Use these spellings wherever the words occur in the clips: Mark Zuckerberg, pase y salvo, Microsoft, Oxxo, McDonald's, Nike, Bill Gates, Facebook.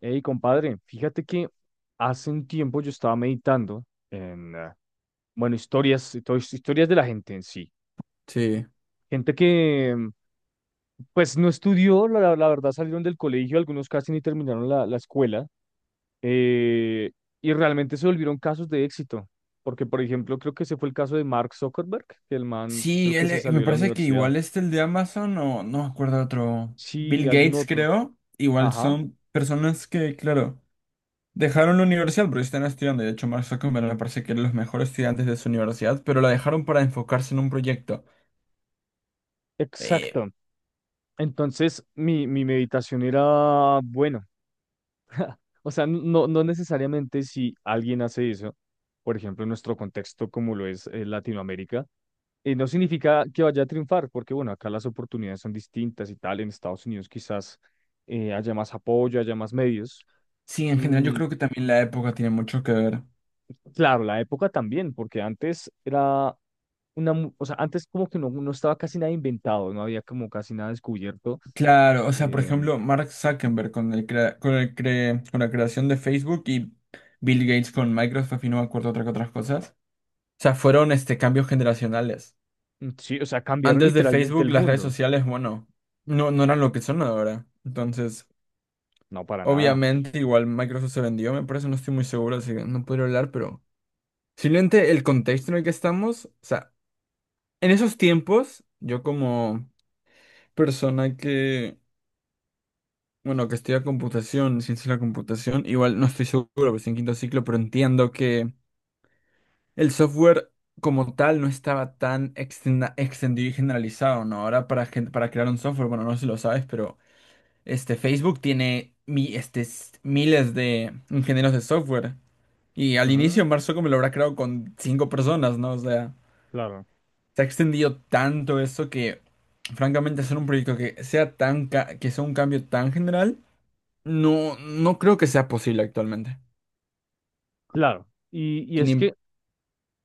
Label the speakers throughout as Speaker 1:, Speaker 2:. Speaker 1: Hey, compadre, fíjate que hace un tiempo yo estaba meditando en, bueno, historias, y historias de la gente en sí.
Speaker 2: Sí.
Speaker 1: Gente que, pues, no estudió, la verdad salieron del colegio, algunos casi ni terminaron la escuela, eh, y realmente se volvieron casos de éxito. Porque, por ejemplo, creo que ese fue el caso de Mark Zuckerberg, que el man creo
Speaker 2: Sí,
Speaker 1: que
Speaker 2: él,
Speaker 1: se salió
Speaker 2: me
Speaker 1: de la
Speaker 2: parece que
Speaker 1: universidad.
Speaker 2: igual este, el de Amazon, o no me acuerdo otro, Bill
Speaker 1: Sí, algún
Speaker 2: Gates
Speaker 1: otro.
Speaker 2: creo, igual
Speaker 1: Ajá,
Speaker 2: son personas que, claro, dejaron la universidad porque están estudiando, y de hecho Mark Zuckerberg me parece que era los mejores estudiantes de su universidad, pero la dejaron para enfocarse en un proyecto. Eh,
Speaker 1: exacto. Entonces, mi meditación era, bueno. O sea, no, no necesariamente si alguien hace eso, por ejemplo, en nuestro contexto como lo es Latinoamérica, no significa que vaya a triunfar, porque bueno, acá las oportunidades son distintas y tal. En Estados Unidos quizás haya más apoyo, haya más medios.
Speaker 2: sí, en general yo
Speaker 1: Mm,
Speaker 2: creo que también la época tiene mucho que ver.
Speaker 1: claro, la época también, porque antes era o sea, antes como que no, no estaba casi nada inventado, no había como casi nada descubierto.
Speaker 2: Claro, o sea, por
Speaker 1: Em,
Speaker 2: ejemplo, Mark Zuckerberg con el crea- con el cre- con la creación de Facebook y Bill Gates con Microsoft y no me acuerdo otra que otras cosas. O sea, fueron cambios generacionales.
Speaker 1: sí, o sea, cambiaron
Speaker 2: Antes de
Speaker 1: literalmente
Speaker 2: Facebook,
Speaker 1: el
Speaker 2: las redes
Speaker 1: mundo.
Speaker 2: sociales, bueno, no, no eran lo que son ahora. Entonces,
Speaker 1: No, para nada.
Speaker 2: obviamente, igual Microsoft se vendió, me parece, no estoy muy seguro, así que no podría hablar, pero simplemente el contexto en el que estamos, o sea, en esos tiempos, yo como persona que, bueno, que estudia computación, ciencia de la computación, igual no estoy seguro, pues en quinto ciclo, pero entiendo que el software como tal no estaba tan extendido y generalizado, ¿no? Ahora para, para crear un software, bueno, no sé si lo sabes, pero... Este, Facebook tiene miles de ingenieros de software. Y al
Speaker 1: Ujú,
Speaker 2: inicio Mark Zuckerberg lo habrá creado con cinco personas, ¿no? O sea,
Speaker 1: claro.
Speaker 2: se ha extendido tanto eso que, francamente, hacer un proyecto que sea que sea un cambio tan general, no, no creo que sea posible actualmente.
Speaker 1: Claro, y
Speaker 2: Sin
Speaker 1: es
Speaker 2: im-
Speaker 1: que,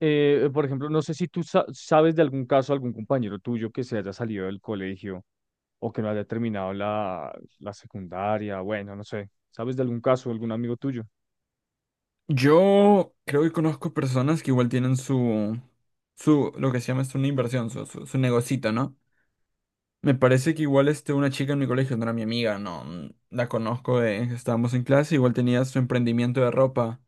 Speaker 1: por ejemplo, no sé si tú sabes de algún caso, algún compañero tuyo que se haya salido del colegio o que no haya terminado la secundaria, bueno, no sé, ¿sabes de algún caso, algún amigo tuyo?
Speaker 2: Yo creo que conozco personas que igual tienen su, su, lo que se llama es una inversión, su negocito, ¿no? Me parece que igual este, una chica en mi colegio no era mi amiga, no, la conozco, de, estábamos en clase, igual tenía su emprendimiento de ropa.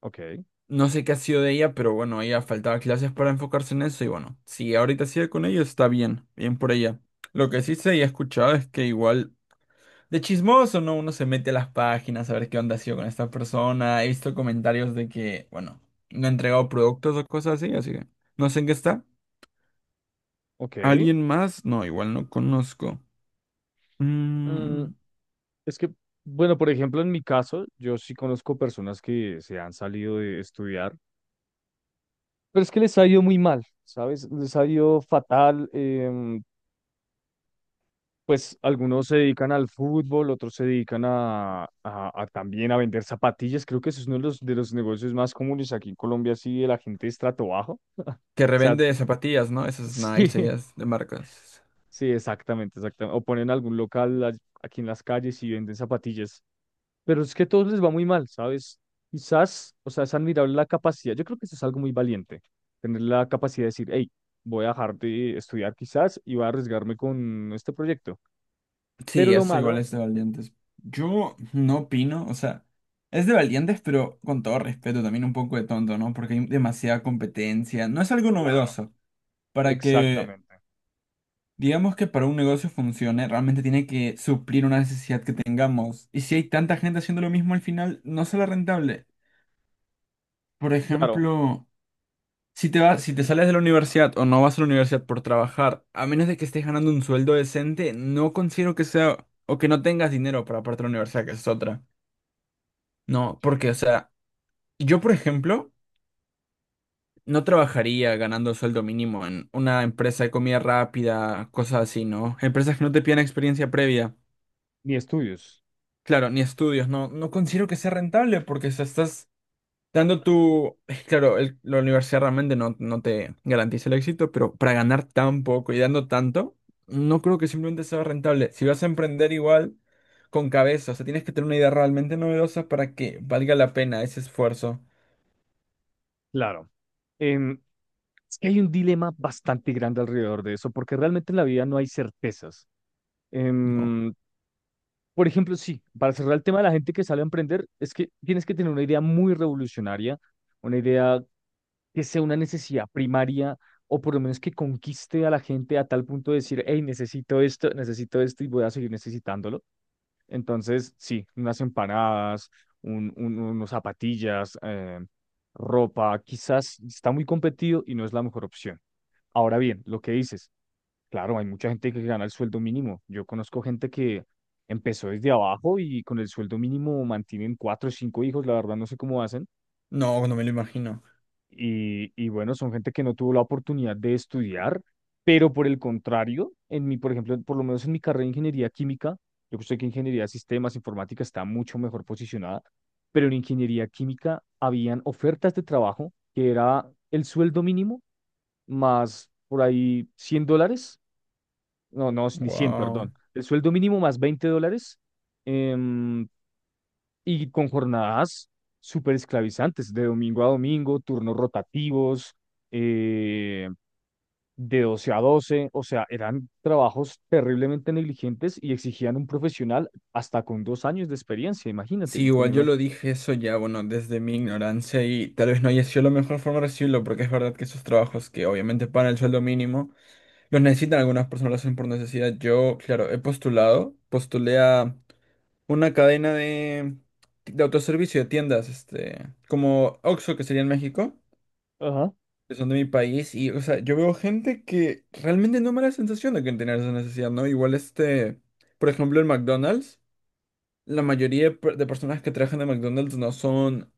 Speaker 1: Ok,
Speaker 2: No sé qué ha sido de ella, pero bueno, ella faltaba clases para enfocarse en eso y bueno, si ahorita sigue con ello está bien, bien por ella. Lo que sí sé y he escuchado es que igual de chismoso, ¿no? Uno se mete a las páginas a ver qué onda ha sido con esta persona. He visto comentarios de que, bueno, no ha entregado productos o cosas así, así que no sé en qué está.
Speaker 1: ok.
Speaker 2: ¿Alguien más? No, igual no conozco.
Speaker 1: Mm,
Speaker 2: Mm.
Speaker 1: es que, bueno, por ejemplo, en mi caso, yo sí conozco personas que se han salido de estudiar, pero es que les ha ido muy mal, ¿sabes? Les ha ido fatal, pues algunos se dedican al fútbol, otros se dedican a, a también a vender zapatillas. Creo que eso es uno de los negocios más comunes aquí en Colombia, sí, de la gente de estrato bajo.
Speaker 2: Que
Speaker 1: O sea,
Speaker 2: revende zapatillas, ¿no? Esas
Speaker 1: sí,
Speaker 2: Nike, ellas de marcas.
Speaker 1: sí, exactamente, exactamente. O ponen algún local aquí en las calles y venden zapatillas. Pero es que a todos les va muy mal, ¿sabes? Quizás, o sea, es admirable la capacidad. Yo creo que eso es algo muy valiente, tener la capacidad de decir, hey, voy a dejar de estudiar quizás y voy a arriesgarme con este proyecto. Pero
Speaker 2: Sí,
Speaker 1: lo
Speaker 2: eso igual
Speaker 1: malo...
Speaker 2: es de valientes. Yo no opino, o sea, es de valientes, pero con todo respeto, también un poco de tonto, ¿no? Porque hay demasiada competencia. No es algo novedoso. Para que,
Speaker 1: Exactamente.
Speaker 2: digamos que para un negocio funcione, realmente tiene que suplir una necesidad que tengamos. Y si hay tanta gente haciendo lo mismo al final, no será rentable. Por
Speaker 1: Claro,
Speaker 2: ejemplo. Si te vas, si te sales de la universidad o no vas a la universidad por trabajar, a menos de que estés ganando un sueldo decente, no considero que sea o que no tengas dinero para aparte de la universidad, que es otra. No, porque, o
Speaker 1: sí.
Speaker 2: sea, yo, por ejemplo, no trabajaría ganando sueldo mínimo en una empresa de comida rápida, cosas así, ¿no? Empresas que no te piden experiencia previa.
Speaker 1: Ni estudios.
Speaker 2: Claro, ni estudios, no, no considero que sea rentable porque, o sea, estás dando tu, claro, la universidad realmente no, no te garantiza el éxito, pero para ganar tan poco y dando tanto, no creo que simplemente sea rentable. Si vas a emprender igual con cabeza, o sea, tienes que tener una idea realmente novedosa para que valga la pena ese esfuerzo.
Speaker 1: Claro. Em, es que hay un dilema bastante grande alrededor de eso, porque realmente en la vida no hay certezas.
Speaker 2: No,
Speaker 1: Em, por ejemplo, sí, para cerrar el tema de la gente que sale a emprender, es que tienes que tener una idea muy revolucionaria, una idea que sea una necesidad primaria, o por lo menos que conquiste a la gente a tal punto de decir, hey, necesito esto y voy a seguir necesitándolo. Entonces, sí, unas empanadas, unos zapatillas, ropa, quizás está muy competido y no es la mejor opción. Ahora bien, lo que dices, claro, hay mucha gente que gana el sueldo mínimo. Yo conozco gente que empezó desde abajo y con el sueldo mínimo mantienen cuatro o cinco hijos, la verdad no sé cómo hacen
Speaker 2: no, no me lo imagino.
Speaker 1: y bueno, son gente que no tuvo la oportunidad de estudiar, pero por el contrario, por ejemplo, por lo menos en mi carrera de ingeniería química, yo sé que ingeniería de sistemas, informática está mucho mejor posicionada, pero en ingeniería química habían ofertas de trabajo que era el sueldo mínimo más por ahí $100, no, no, ni 100
Speaker 2: Wow.
Speaker 1: perdón, el sueldo mínimo más $20 em, y con jornadas súper esclavizantes, de domingo a domingo, turnos rotativos, eh, de 12 a doce, o sea, eran trabajos terriblemente negligentes y exigían un profesional hasta con dos años de experiencia, imagínate,
Speaker 2: Sí,
Speaker 1: y con
Speaker 2: igual yo
Speaker 1: una...
Speaker 2: lo dije eso ya, bueno, desde mi ignorancia y tal vez no haya sido la mejor forma de recibirlo, porque es verdad que esos trabajos que obviamente pagan el sueldo mínimo los necesitan algunas personas, lo hacen por necesidad. Yo, claro, he postulado, postulé a una cadena de autoservicio, de tiendas, este, como Oxxo, que sería en México,
Speaker 1: Ajá,
Speaker 2: que son de mi país, y, o sea, yo veo gente que realmente no me da la sensación de que tener esa necesidad, ¿no? Igual este, por ejemplo, el McDonald's, la mayoría de, de personas que trabajan en McDonald's no son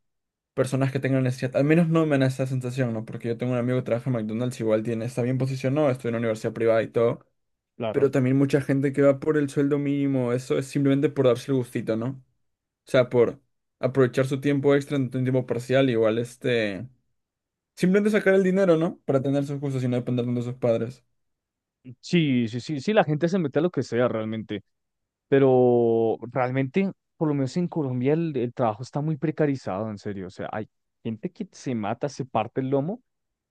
Speaker 2: personas que tengan necesidad, al menos no me da esa sensación, ¿no? Porque yo tengo un amigo que trabaja en McDonald's, igual tiene, está bien posicionado, estudia en una universidad privada y todo. Pero
Speaker 1: claro.
Speaker 2: también mucha gente que va por el sueldo mínimo, eso es simplemente por darse el gustito, ¿no? O sea, por aprovechar su tiempo extra en un tiempo parcial, igual este... Simplemente sacar el dinero, ¿no? Para tener sus gustos y no depender tanto de sus padres.
Speaker 1: Sí, sí, sí, sí, la gente se mete a lo que sea realmente, pero realmente, por lo menos en Colombia, el trabajo está muy precarizado, en serio, o sea, hay gente que se mata, se parte el lomo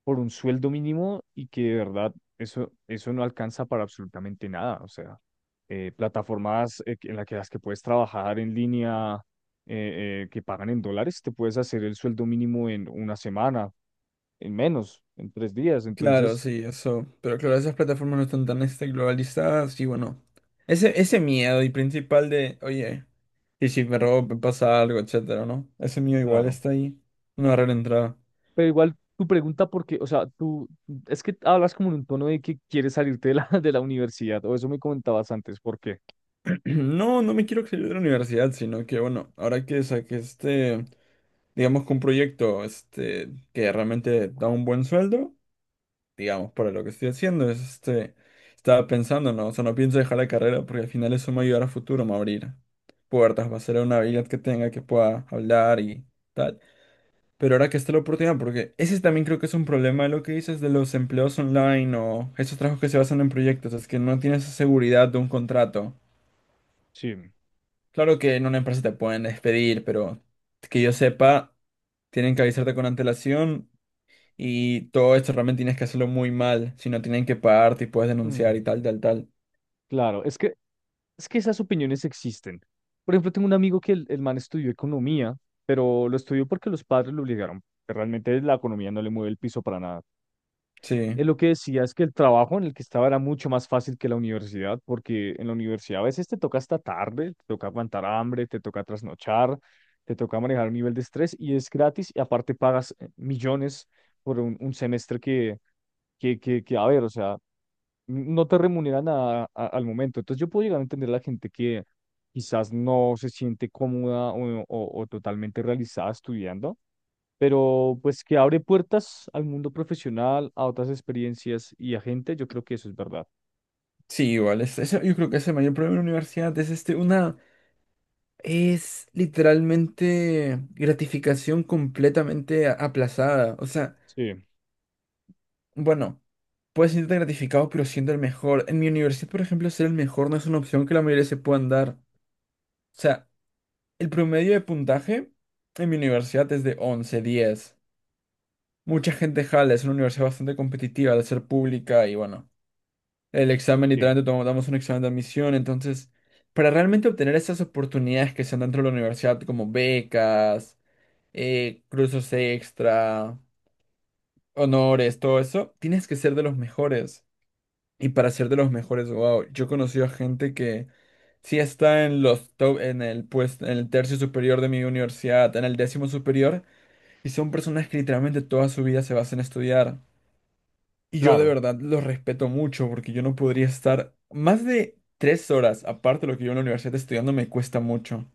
Speaker 1: por un sueldo mínimo y que de verdad eso, eso no alcanza para absolutamente nada. O sea, plataformas en las que puedes trabajar en línea que pagan en dólares, te puedes hacer el sueldo mínimo en una semana, en menos, en tres días.
Speaker 2: Claro,
Speaker 1: Entonces,
Speaker 2: sí, eso. Pero claro, esas plataformas no están tan este, globalizadas y bueno. Ese miedo y principal de, oye, y si me robo, me pasa algo, etcétera, ¿no? Ese miedo igual
Speaker 1: claro.
Speaker 2: está ahí. Una barrera entrada.
Speaker 1: Pero igual tu pregunta, porque, o sea, tú es que hablas como en un tono de que quieres salirte de la, de la universidad, o eso me comentabas antes, ¿por qué?
Speaker 2: No, no me quiero salir de la universidad, sino que bueno, ahora que saqué este. Digamos que un proyecto este, que realmente da un buen sueldo, digamos, para lo que estoy haciendo, es este, estaba pensando, ¿no? O sea, no pienso dejar la carrera porque al final eso me va a ayudar a futuro, me va a abrir puertas, va a ser una habilidad que tenga, que pueda hablar y tal. Pero ahora que está la oportunidad, porque ese también creo que es un problema de lo que dices de los empleos online o esos trabajos que se basan en proyectos, es que no tienes esa seguridad de un contrato.
Speaker 1: Sí.
Speaker 2: Claro que en una empresa te pueden despedir, pero que yo sepa, tienen que avisarte con antelación. Y todo esto realmente tienes que hacerlo muy mal, si no tienen que pagarte y puedes denunciar y
Speaker 1: Mm,
Speaker 2: tal, tal, tal.
Speaker 1: claro, es que es que esas opiniones existen. Por ejemplo, tengo un amigo que el man estudió economía, pero lo estudió porque los padres lo obligaron. Que Realmente la economía no le mueve el piso para nada.
Speaker 2: Sí,
Speaker 1: Él lo que decía es que el trabajo en el que estaba era mucho más fácil que la universidad, porque en la universidad a veces te toca hasta tarde, te toca aguantar hambre, te toca trasnochar, te toca manejar un nivel de estrés y es gratis y aparte pagas millones por un semestre que, a ver, o sea, no te remuneran al momento. Entonces yo puedo llegar a entender a la gente que quizás no se siente cómoda o, o totalmente realizada estudiando, pero pues que abre puertas al mundo profesional, a otras experiencias y a gente, yo creo que eso es verdad.
Speaker 2: sí, igual. Es, yo creo que es el mayor problema de la universidad. Es este, una. Es literalmente gratificación completamente aplazada. O sea,
Speaker 1: Sí,
Speaker 2: bueno, puedes sentirte gratificado, pero siendo el mejor. En mi universidad, por ejemplo, ser el mejor no es una opción que la mayoría se puedan dar. O sea, el promedio de puntaje en mi universidad es de 11,10. Mucha gente jala, es una universidad bastante competitiva de ser pública y bueno. El examen
Speaker 1: sí,
Speaker 2: literalmente damos un examen de admisión, entonces, para realmente obtener esas oportunidades que se dan dentro de la universidad, como becas, cursos extra, honores, todo eso, tienes que ser de los mejores. Y para ser de los mejores, wow, yo he conocido a gente que sí está en los top, en el pues, en el tercio superior de mi universidad, en el décimo superior, y son personas que literalmente toda su vida se basan en estudiar. Y yo de
Speaker 1: claro,
Speaker 2: verdad los respeto mucho porque yo no podría estar más de 3 horas, aparte de lo que yo en la universidad estudiando, me cuesta mucho.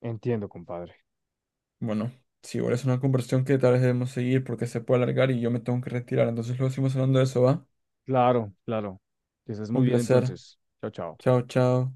Speaker 1: entiendo, compadre.
Speaker 2: Bueno, sí, igual es una conversación que tal vez debemos seguir porque se puede alargar y yo me tengo que retirar. Entonces luego seguimos hablando de eso, ¿va?
Speaker 1: Claro, claro. Que estés
Speaker 2: Un
Speaker 1: muy bien
Speaker 2: placer.
Speaker 1: entonces. Chao, chao.
Speaker 2: Chao, chao.